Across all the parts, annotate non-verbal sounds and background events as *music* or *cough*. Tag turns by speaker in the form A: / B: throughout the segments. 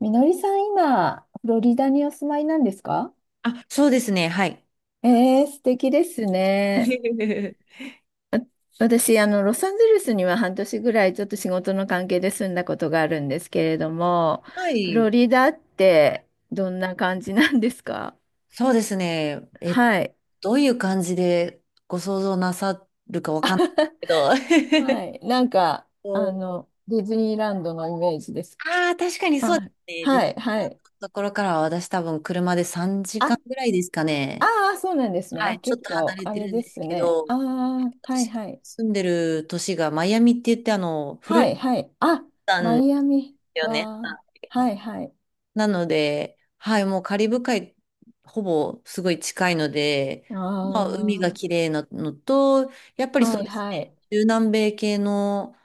A: みのりさん、今、フロリダにお住まいなんですか？
B: あ、そうですね。はい。
A: 素敵ですね。
B: *laughs*
A: 私、ロサンゼルスには半年ぐらいちょっと仕事の関係で住んだことがあるんですけれども、
B: は
A: フロ
B: い。
A: リダってどんな感じなんですか？
B: そうですね。
A: はい。
B: どういう感じでご想像なさっ
A: *laughs*
B: てど *laughs*
A: はい。なんか、
B: お、
A: ディズニーランドのイメージです。
B: ああ、確かにそうで
A: あ、
B: すね。で、
A: はい、はい。
B: ところからは私多分車で3時
A: あ、
B: 間ぐらいですか
A: あ
B: ね。
A: あ、そうなんですね。
B: は
A: あ、
B: い、ちょっ
A: 結
B: と離
A: 構、
B: れ
A: あ
B: て
A: れ
B: るん
A: で
B: です
A: す
B: け
A: ね。
B: ど、
A: ああ、はい、
B: 私が
A: はい。
B: 住んでる都市がマイアミって言ってフロ
A: は
B: リ
A: い、はい。あ、
B: ダ
A: マ
B: なんで
A: イアミ
B: すよね。
A: は、はい、はい。
B: なので、はい、もうカリブ海、ほぼすごい近いので、まあ、
A: あ
B: 海が綺麗なのと、やっぱ
A: あ、
B: りそ
A: は
B: う
A: い、
B: です
A: は
B: ね、
A: い。
B: 中南米系の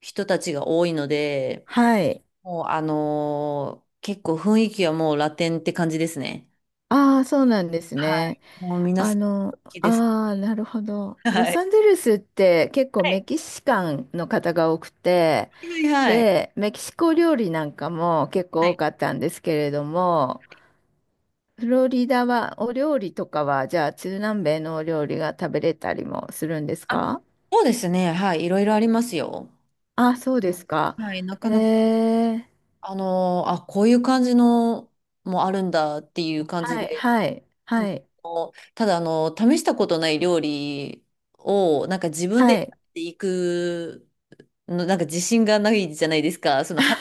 B: 人たちが多いので、
A: はい。
B: もう結構雰囲気はもうラテンって感じですね。
A: ああ、そうなんです
B: は
A: ね。
B: い。もう皆さん、好きです。
A: ああ、なるほど。
B: *laughs*
A: ロ
B: は
A: サ
B: い。
A: ンゼルスって結構
B: は
A: メ
B: い。
A: キシカンの方が多くて、
B: はいはい。
A: で、メキシコ料理なんかも結
B: は
A: 構多
B: い。
A: かったんですけれども、フロリダはお料理とかは、じゃあ中南米のお料理が食べれたりもするんです
B: あ、
A: か？
B: そうですね、はい、いろいろありますよ。
A: あ、そうですか。
B: はい、な
A: え
B: かなか、
A: ー
B: あ、こういう感じのもあるんだっていう感じ
A: はい、
B: で、い
A: はい、
B: つも
A: はい、
B: こうただ、試したことない料理を、なんか自分
A: は
B: でやっ
A: い。
B: ていくの、なんか自信がないじゃないですか。その、歯っ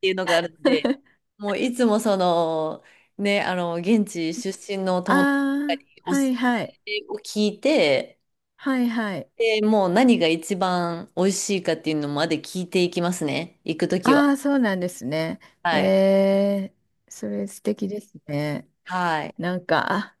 B: ていうのがあるので、もういつもその、ね、現地出身の
A: あ
B: 友達
A: あ、
B: にお
A: は
B: すす
A: い、はい、
B: めを聞いて、
A: はい、はい。
B: で、もう何が一番美味しいかっていうのまで聞いていきますね。行くときは。
A: ああ、そうなんですね。
B: はい。
A: えそれ素敵ですね。
B: はい。
A: なんか、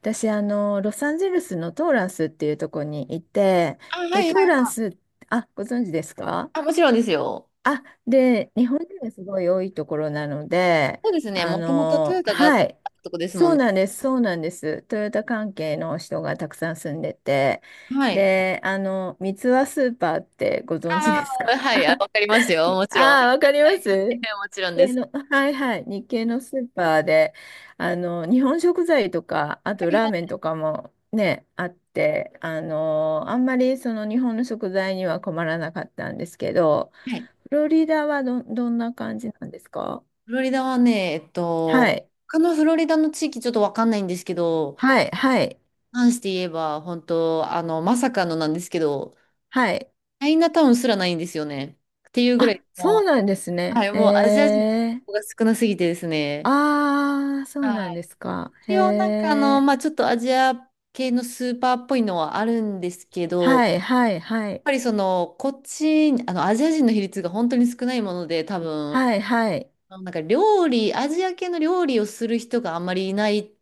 A: 私、ロサンゼルスのトーランスっていうところにいて、
B: あ、はいは
A: で、
B: い
A: トー
B: は
A: ラン
B: い。
A: ス、ご存知ですか？
B: あ、もちろんですよ。
A: あ、で、日本人がすごい多いところなので、
B: そうですね。もともとトヨタがあった
A: はい、
B: とこですも
A: そ
B: ん
A: うなん
B: ね。
A: です、そうなんです。トヨタ関係の人がたくさん住んでて、
B: はい。
A: で、三ツ輪スーパーってご存知
B: あ
A: です
B: あ、
A: か？
B: はい、あ、
A: *laughs*
B: わかりますよ。もちろん。は
A: ああ、わかりま
B: い。
A: す。
B: *laughs*
A: 日
B: もちろんで
A: 系
B: す。
A: の、はいはい、日系のスーパーで、日本食材とか、あとラーメンとかもね、あって、あんまりその日本の食材には困らなかったんですけど、
B: はい。
A: フロリダはどんな感じなんですか？
B: フロリダはね、えっ
A: は
B: と、
A: い。
B: 他のフロリダの地域ちょっとわかんないんですけど、
A: はい。はい。
B: 関して言えば、本当まさかのなんですけど、
A: はい。
B: チャイナタウンすらないんですよね。っていうぐら
A: あ、
B: い、
A: そう
B: も
A: なんです
B: う、は
A: ね。
B: い、
A: え
B: もうアジア人の人
A: え。
B: が少なすぎてですね。
A: ああ、そうな
B: は
A: んで
B: い。
A: すか。へ
B: 一応なんか
A: え。
B: まあちょっとアジア系のスーパーっぽいのはあるんですけど、やっ
A: はい。はい。はい。
B: ぱりその、こっち、アジア人の比率が本当に少ないもので、多分、
A: はい。はい。
B: なんか料理、アジア系の料理をする人があんまりいない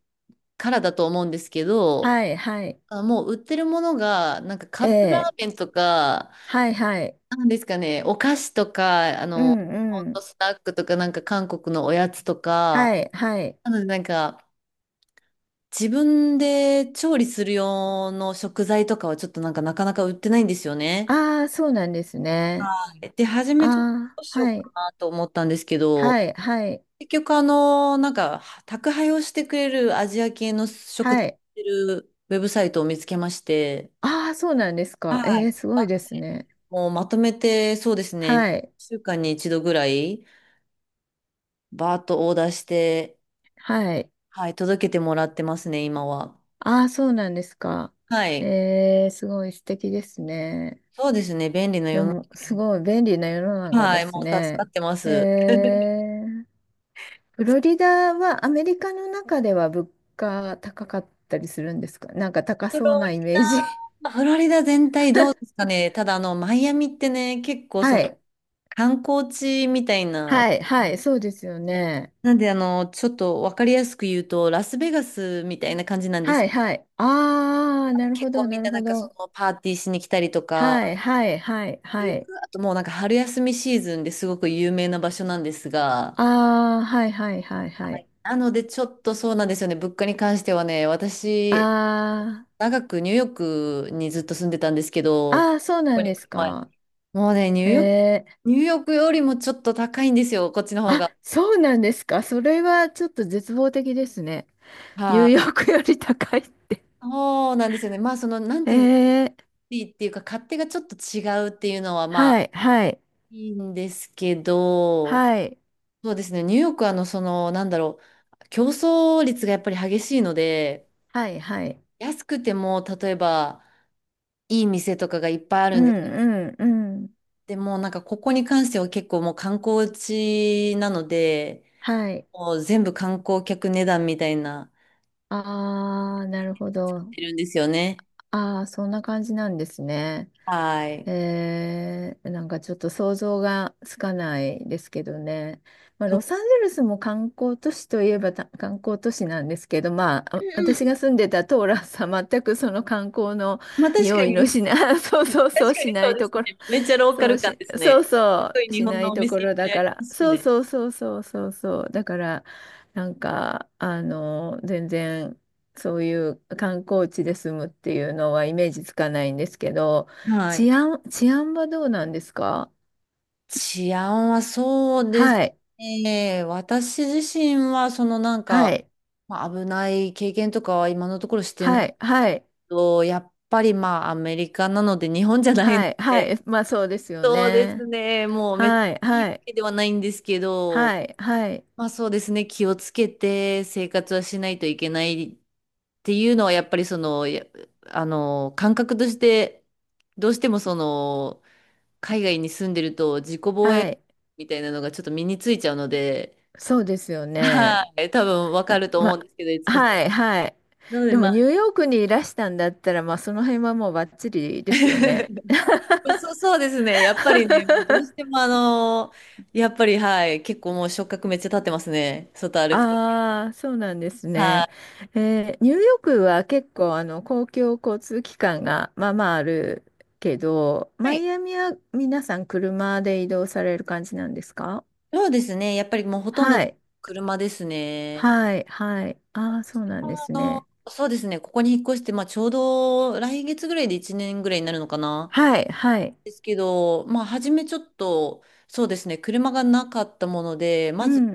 B: からだと思うんですけど、
A: はい。はい。
B: あ、もう売ってるものが、なんかカ
A: え
B: ップラ
A: え。
B: ーメンとか、
A: はい。はい。
B: なんですかね、お菓子とか、
A: うん。
B: ホッ
A: う
B: ト
A: ん。
B: スナックとか、なんか韓国のおやつとか、
A: はい。はい。
B: なのでなんか、自分で調理する用の食材とかはちょっとなんかなかなか売ってないんですよね。
A: ああ、そうなんですね。
B: で、初めちょっと
A: あ
B: どうし
A: あ、
B: よう
A: は
B: か
A: い。
B: なと思ったんですけど、
A: はい。はい。
B: 結局なんか、宅配をしてくれるアジア系の食っ
A: はい。
B: てるウェブサイトを見つけまして、
A: ああ、そうなんですか。
B: は
A: え
B: い。
A: え、すごいですね。
B: もうまとめて、そうですね、
A: はい。
B: 1週間に一度ぐらい、バーッとオーダーして、
A: はい。
B: はい、届けてもらってますね、今は。
A: ああ、そうなんですか。
B: はい。
A: すごい素敵ですね。
B: そうですね、便利な世
A: で
B: の中
A: も、す
B: で。
A: ごい便利な世の中
B: は
A: で
B: い、
A: す
B: もう助か
A: ね。
B: ってま
A: え
B: す。*laughs*
A: ー、フロリダはアメリカの中では物価高かったりするんですか？なんか高
B: フ
A: そう
B: ロ
A: な
B: リ
A: イメージ。
B: ダ、フロリダ全体どうです
A: *laughs*
B: かね。ただマイアミってね、結構そ
A: は
B: の
A: い。
B: 観光地みたいな
A: はい、はい、そうですよね。
B: なんで、ちょっとわかりやすく言うと、ラスベガスみたいな感じなんで
A: は
B: す。
A: い、はい。ああ、なる
B: 結
A: ほど、
B: 構み
A: な
B: んな
A: る
B: な
A: ほ
B: んかそ
A: ど。
B: のパーティーしに来たりと
A: は
B: か、
A: い、はい、はい、は
B: 行く
A: い。
B: あともうなんか春休みシーズンですごく有名な場所なんですが、
A: ああ、はい、はい、はい、はい。
B: なのでちょっとそうなんですよね、物価に関してはね、私、
A: あ
B: 長くニューヨークにずっと住んでたんですけど、
A: あ、
B: こ
A: ああ、そうな
B: こ
A: ん
B: に
A: で
B: 来
A: す
B: る前
A: か。
B: もうね、
A: えー、
B: ニューヨークよりもちょっと高いんですよ、こっちの方
A: あ、
B: が。
A: そうなんですか。それはちょっと絶望的ですね。ニュ
B: は
A: ー
B: い、
A: ヨークより高いって。
B: そうなんですよね。まあ、その、なん
A: え
B: ていうんです
A: ー、
B: リーっていうか、勝手がちょっと違うっていうのは、まあ、
A: はい、はい、
B: いいんですけど、
A: はい、
B: そうですね、ニューヨークは、その、なんだろう、競争率がやっぱり激しいので、
A: はい、はい。
B: 安くても、例えば、いい店とかがいっぱいあ
A: う
B: るんで、
A: ん、うん、うん。
B: でも、なんか、ここに関しては結構もう観光地なので、
A: はい。
B: もう全部観光客値段みたいな、
A: あー、なるほ
B: なっ
A: ど。
B: てるんですよね。
A: あー、そんな感じなんですね。
B: はい。
A: なんかちょっと想像がつかないですけどね。まあ、
B: そ
A: ロ
B: う、
A: サンゼルスも観光都市といえば観光都市なんですけど、まあ、
B: うん、うん、
A: 私が住んでたトーラスは全くその観光の
B: まあ確か
A: 匂いの
B: に、
A: しない、*laughs* そうそうそ
B: 確
A: う
B: か
A: し
B: に
A: な
B: そう
A: い
B: で
A: と
B: すね。
A: ころ
B: めっちゃローカ
A: そう
B: ル感
A: し、
B: です
A: そう
B: ね。す
A: そ
B: ごい
A: う、
B: 日
A: し
B: 本
A: な
B: の
A: い
B: お
A: とこ
B: 店いっ
A: ろ
B: ぱ
A: だ
B: いあ
A: か
B: りま
A: ら、
B: すし
A: そう
B: ね。
A: そうそうそうそうそう、だから、なんか、全然、そういう観光地で住むっていうのはイメージつかないんですけど、
B: はい。
A: 治安はどうなんですか？
B: 治安はそうです
A: はい、
B: ね。私自身は、そのなん
A: は
B: か、
A: い、
B: まあ、危ない経験とかは今のところしてない
A: は
B: け
A: い、はい、
B: ど、やっぱりまあアメリカなので日本じゃないの
A: はい、は
B: で、
A: い、まあそうですよ
B: そうです
A: ね。
B: ね。もうめっちゃ
A: はい、
B: いいわ
A: はい、
B: けではないんですけど、
A: はい、はい、
B: まあそうですね。気をつけて生活はしないといけないっていうのは、やっぱりその、や、感覚として、どうしてもその、海外に住んでると自己防
A: は
B: 衛
A: い、
B: みたいなのがちょっと身についちゃうので、
A: そうですよ
B: *laughs*
A: ね。
B: はい、多分わかると思う
A: ま、
B: んですけど、いつこさ
A: は
B: ん。
A: いはい。
B: なので
A: でも
B: まあ、
A: ニューヨークにいらしたんだったら、まあ、その辺はもうバッチリですよね。
B: *laughs* そうですね。やっぱりね、もうどうしてもやっぱりはい、結構もう触覚めっちゃ立ってますね。外歩くとき
A: ああ、そうなんですね。
B: は。
A: ニューヨークは結構公共交通機関がまあまああるけど、
B: は
A: マ
B: い。
A: イアミは皆さん車で移動される感じなんですか？
B: そうですね。やっぱりもうほとんど
A: はい、
B: 車ですね。
A: はい、はい。ああ、そうな
B: あ
A: んですね。
B: そうですね。ここに引っ越して、まあちょうど来月ぐらいで1年ぐらいになるのかな。
A: はい、はい。
B: ですけど、まあ初めちょっと、そうですね。車がなかったもので、
A: う
B: まず
A: ん、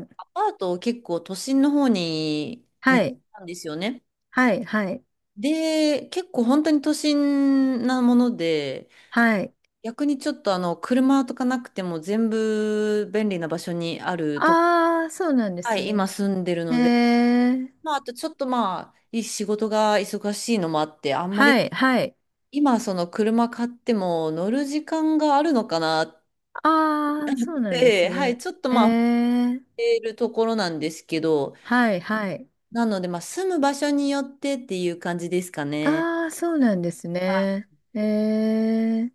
A: うん。
B: アパートを結構都心の方に見
A: は
B: つけ
A: い、
B: たんですよね。
A: はい、はい、
B: で、結構本当に都心なもので、
A: はい。
B: 逆にちょっと車とかなくても全部便利な場所にあるとこ、
A: ああ、そうなんで
B: は
A: す
B: い、今
A: ね。
B: 住んでる
A: へ
B: ので、
A: え、
B: まあ、あとちょっとまあ、い仕事が忙しいのもあって、あんまり
A: はい、はい。
B: 今その車買っても乗る時間があるのかなっ
A: ああ、そうなんです
B: て、はい、
A: ね。
B: ちょっと
A: え
B: まあ、思っ
A: え、
B: ているところなんですけど、
A: はい、はい。
B: なのでまあ、住む場所によってっていう感じですかね。
A: ああ、そうなんです
B: あ、
A: ね。ええ、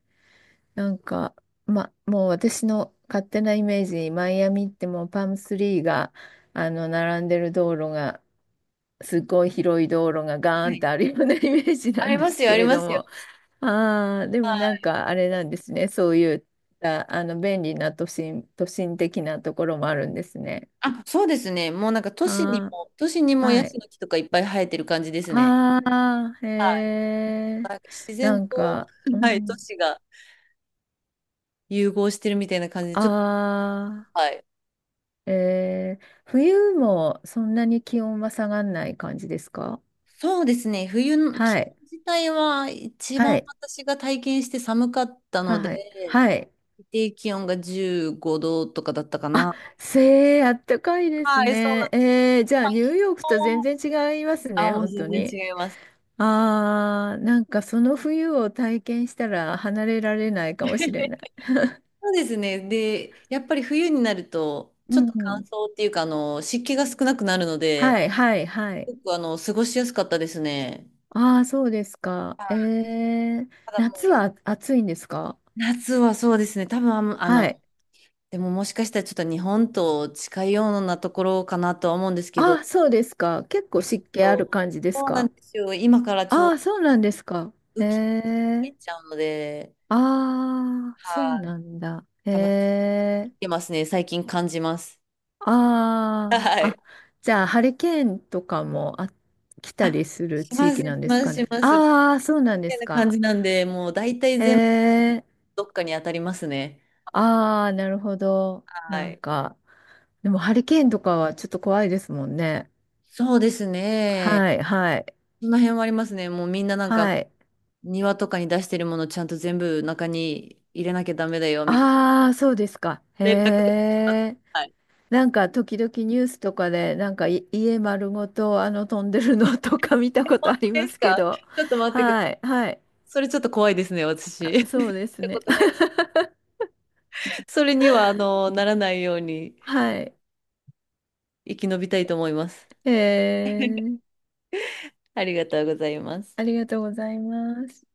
A: なんか、ま、もう私の勝手なイメージ、マイアミってもうパームスリーが、並んでる道路が、すごい広い道路がガ
B: は
A: ーンって
B: い。
A: あるような *laughs* イメージ
B: あ
A: なん
B: り
A: で
B: ます
A: す
B: よ、
A: け
B: あり
A: れ
B: ま
A: ど
B: すよ。
A: も。ああ、で
B: は
A: もなん
B: い、
A: かあれなんですね。そういった、便利な都心的なところもあるんですね。
B: あ、そうですね。もうなんか
A: は
B: 都市に
A: ー、
B: もヤ
A: は
B: シ
A: い。
B: の木とかいっぱい生えてる感じですね。
A: ああ、へ
B: はい。
A: え。
B: なんか自
A: な
B: 然
A: ん
B: と、
A: か、う
B: はい、都
A: ん、
B: 市が融合してるみたいな感じで、ちょっと、
A: あ
B: はい。
A: あ、冬もそんなに気温は下がんない感じですか？
B: そうですね。冬の気
A: はい。
B: 温自体は一
A: は
B: 番
A: い。
B: 私が体験して寒かったので、
A: はい。はい。
B: 最低気温が15度とかだったか
A: あ、
B: な。
A: あったかいです
B: はい、そうな
A: ね。
B: んです。や
A: じ
B: っ
A: ゃあ
B: ぱり
A: ニュー
B: 昼
A: ヨーク
B: 間
A: と全
B: は
A: 然違います
B: あ、
A: ね、
B: もう
A: 本当
B: 全
A: に。
B: 然違います。
A: ああ、なんかその冬を体験したら離れられないかもしれない。
B: *laughs* そうですね。で、やっぱり冬になると、
A: う
B: ちょっと乾
A: ん。
B: 燥っていうか、湿気が少なくなるので、
A: はい、はい、はい。
B: すごく過ごしやすかったですね。
A: ああ、そうですか。
B: はい。ただもう、
A: 夏は暑いんですか？
B: 夏はそうですね。多分、あの、あ
A: は
B: の
A: い。
B: でももしかしたらちょっと日本と近いようなところかなとは思うんですけ
A: あ
B: ど、
A: あ、そうですか。結
B: は
A: 構
B: いちょ
A: 湿気ある
B: っと、
A: 感じです
B: そうなん
A: か？
B: ですよ。今からちょ
A: あ
B: うど
A: あ、そうなんですか。
B: 雨
A: え
B: 季に入っ
A: え、
B: ちゃうので、
A: ああ、そう
B: はい。
A: なんだ。え
B: 多分来
A: え、
B: てますね。最近感じます。
A: あ
B: は
A: あ、
B: い。
A: あ、じゃあ、ハリケーンとかも来た
B: あ、
A: りする
B: し
A: 地
B: ます、
A: 域
B: し
A: なんで
B: ま
A: す
B: す、
A: か
B: し
A: ね。
B: ます。み
A: ああ、そうなんで
B: たい
A: す
B: な感
A: か。
B: じなんで、もう大体
A: え
B: 全部
A: え、
B: どっかに当たりますね。
A: ああ、なるほど。
B: は
A: なん
B: い。
A: か、でもハリケーンとかはちょっと怖いですもんね。
B: そうですね。
A: はい、はい、
B: その辺はありますね。もうみんななんか
A: はい。
B: 庭とかに出してるものちゃんと全部中に入れなきゃダメだよ、みたい
A: ああ、そうですか。へ
B: な連絡とかします。
A: え。
B: はい。
A: なんか時々ニュースとかで、なんか家丸ごと飛んでるのとか見たこ
B: 本
A: とあり
B: 当で
A: ま
B: す
A: す
B: か。
A: けど。
B: ちょっと待ってください。
A: はい、はい。
B: それちょっと怖いですね、私。
A: あ
B: *laughs* っ
A: そうです
B: た
A: ね。
B: ことない。
A: *laughs*
B: それには、ならないように
A: はい。
B: 生き延びたいと思います。
A: へえ。
B: ありがとうございます。
A: ありがとうございます。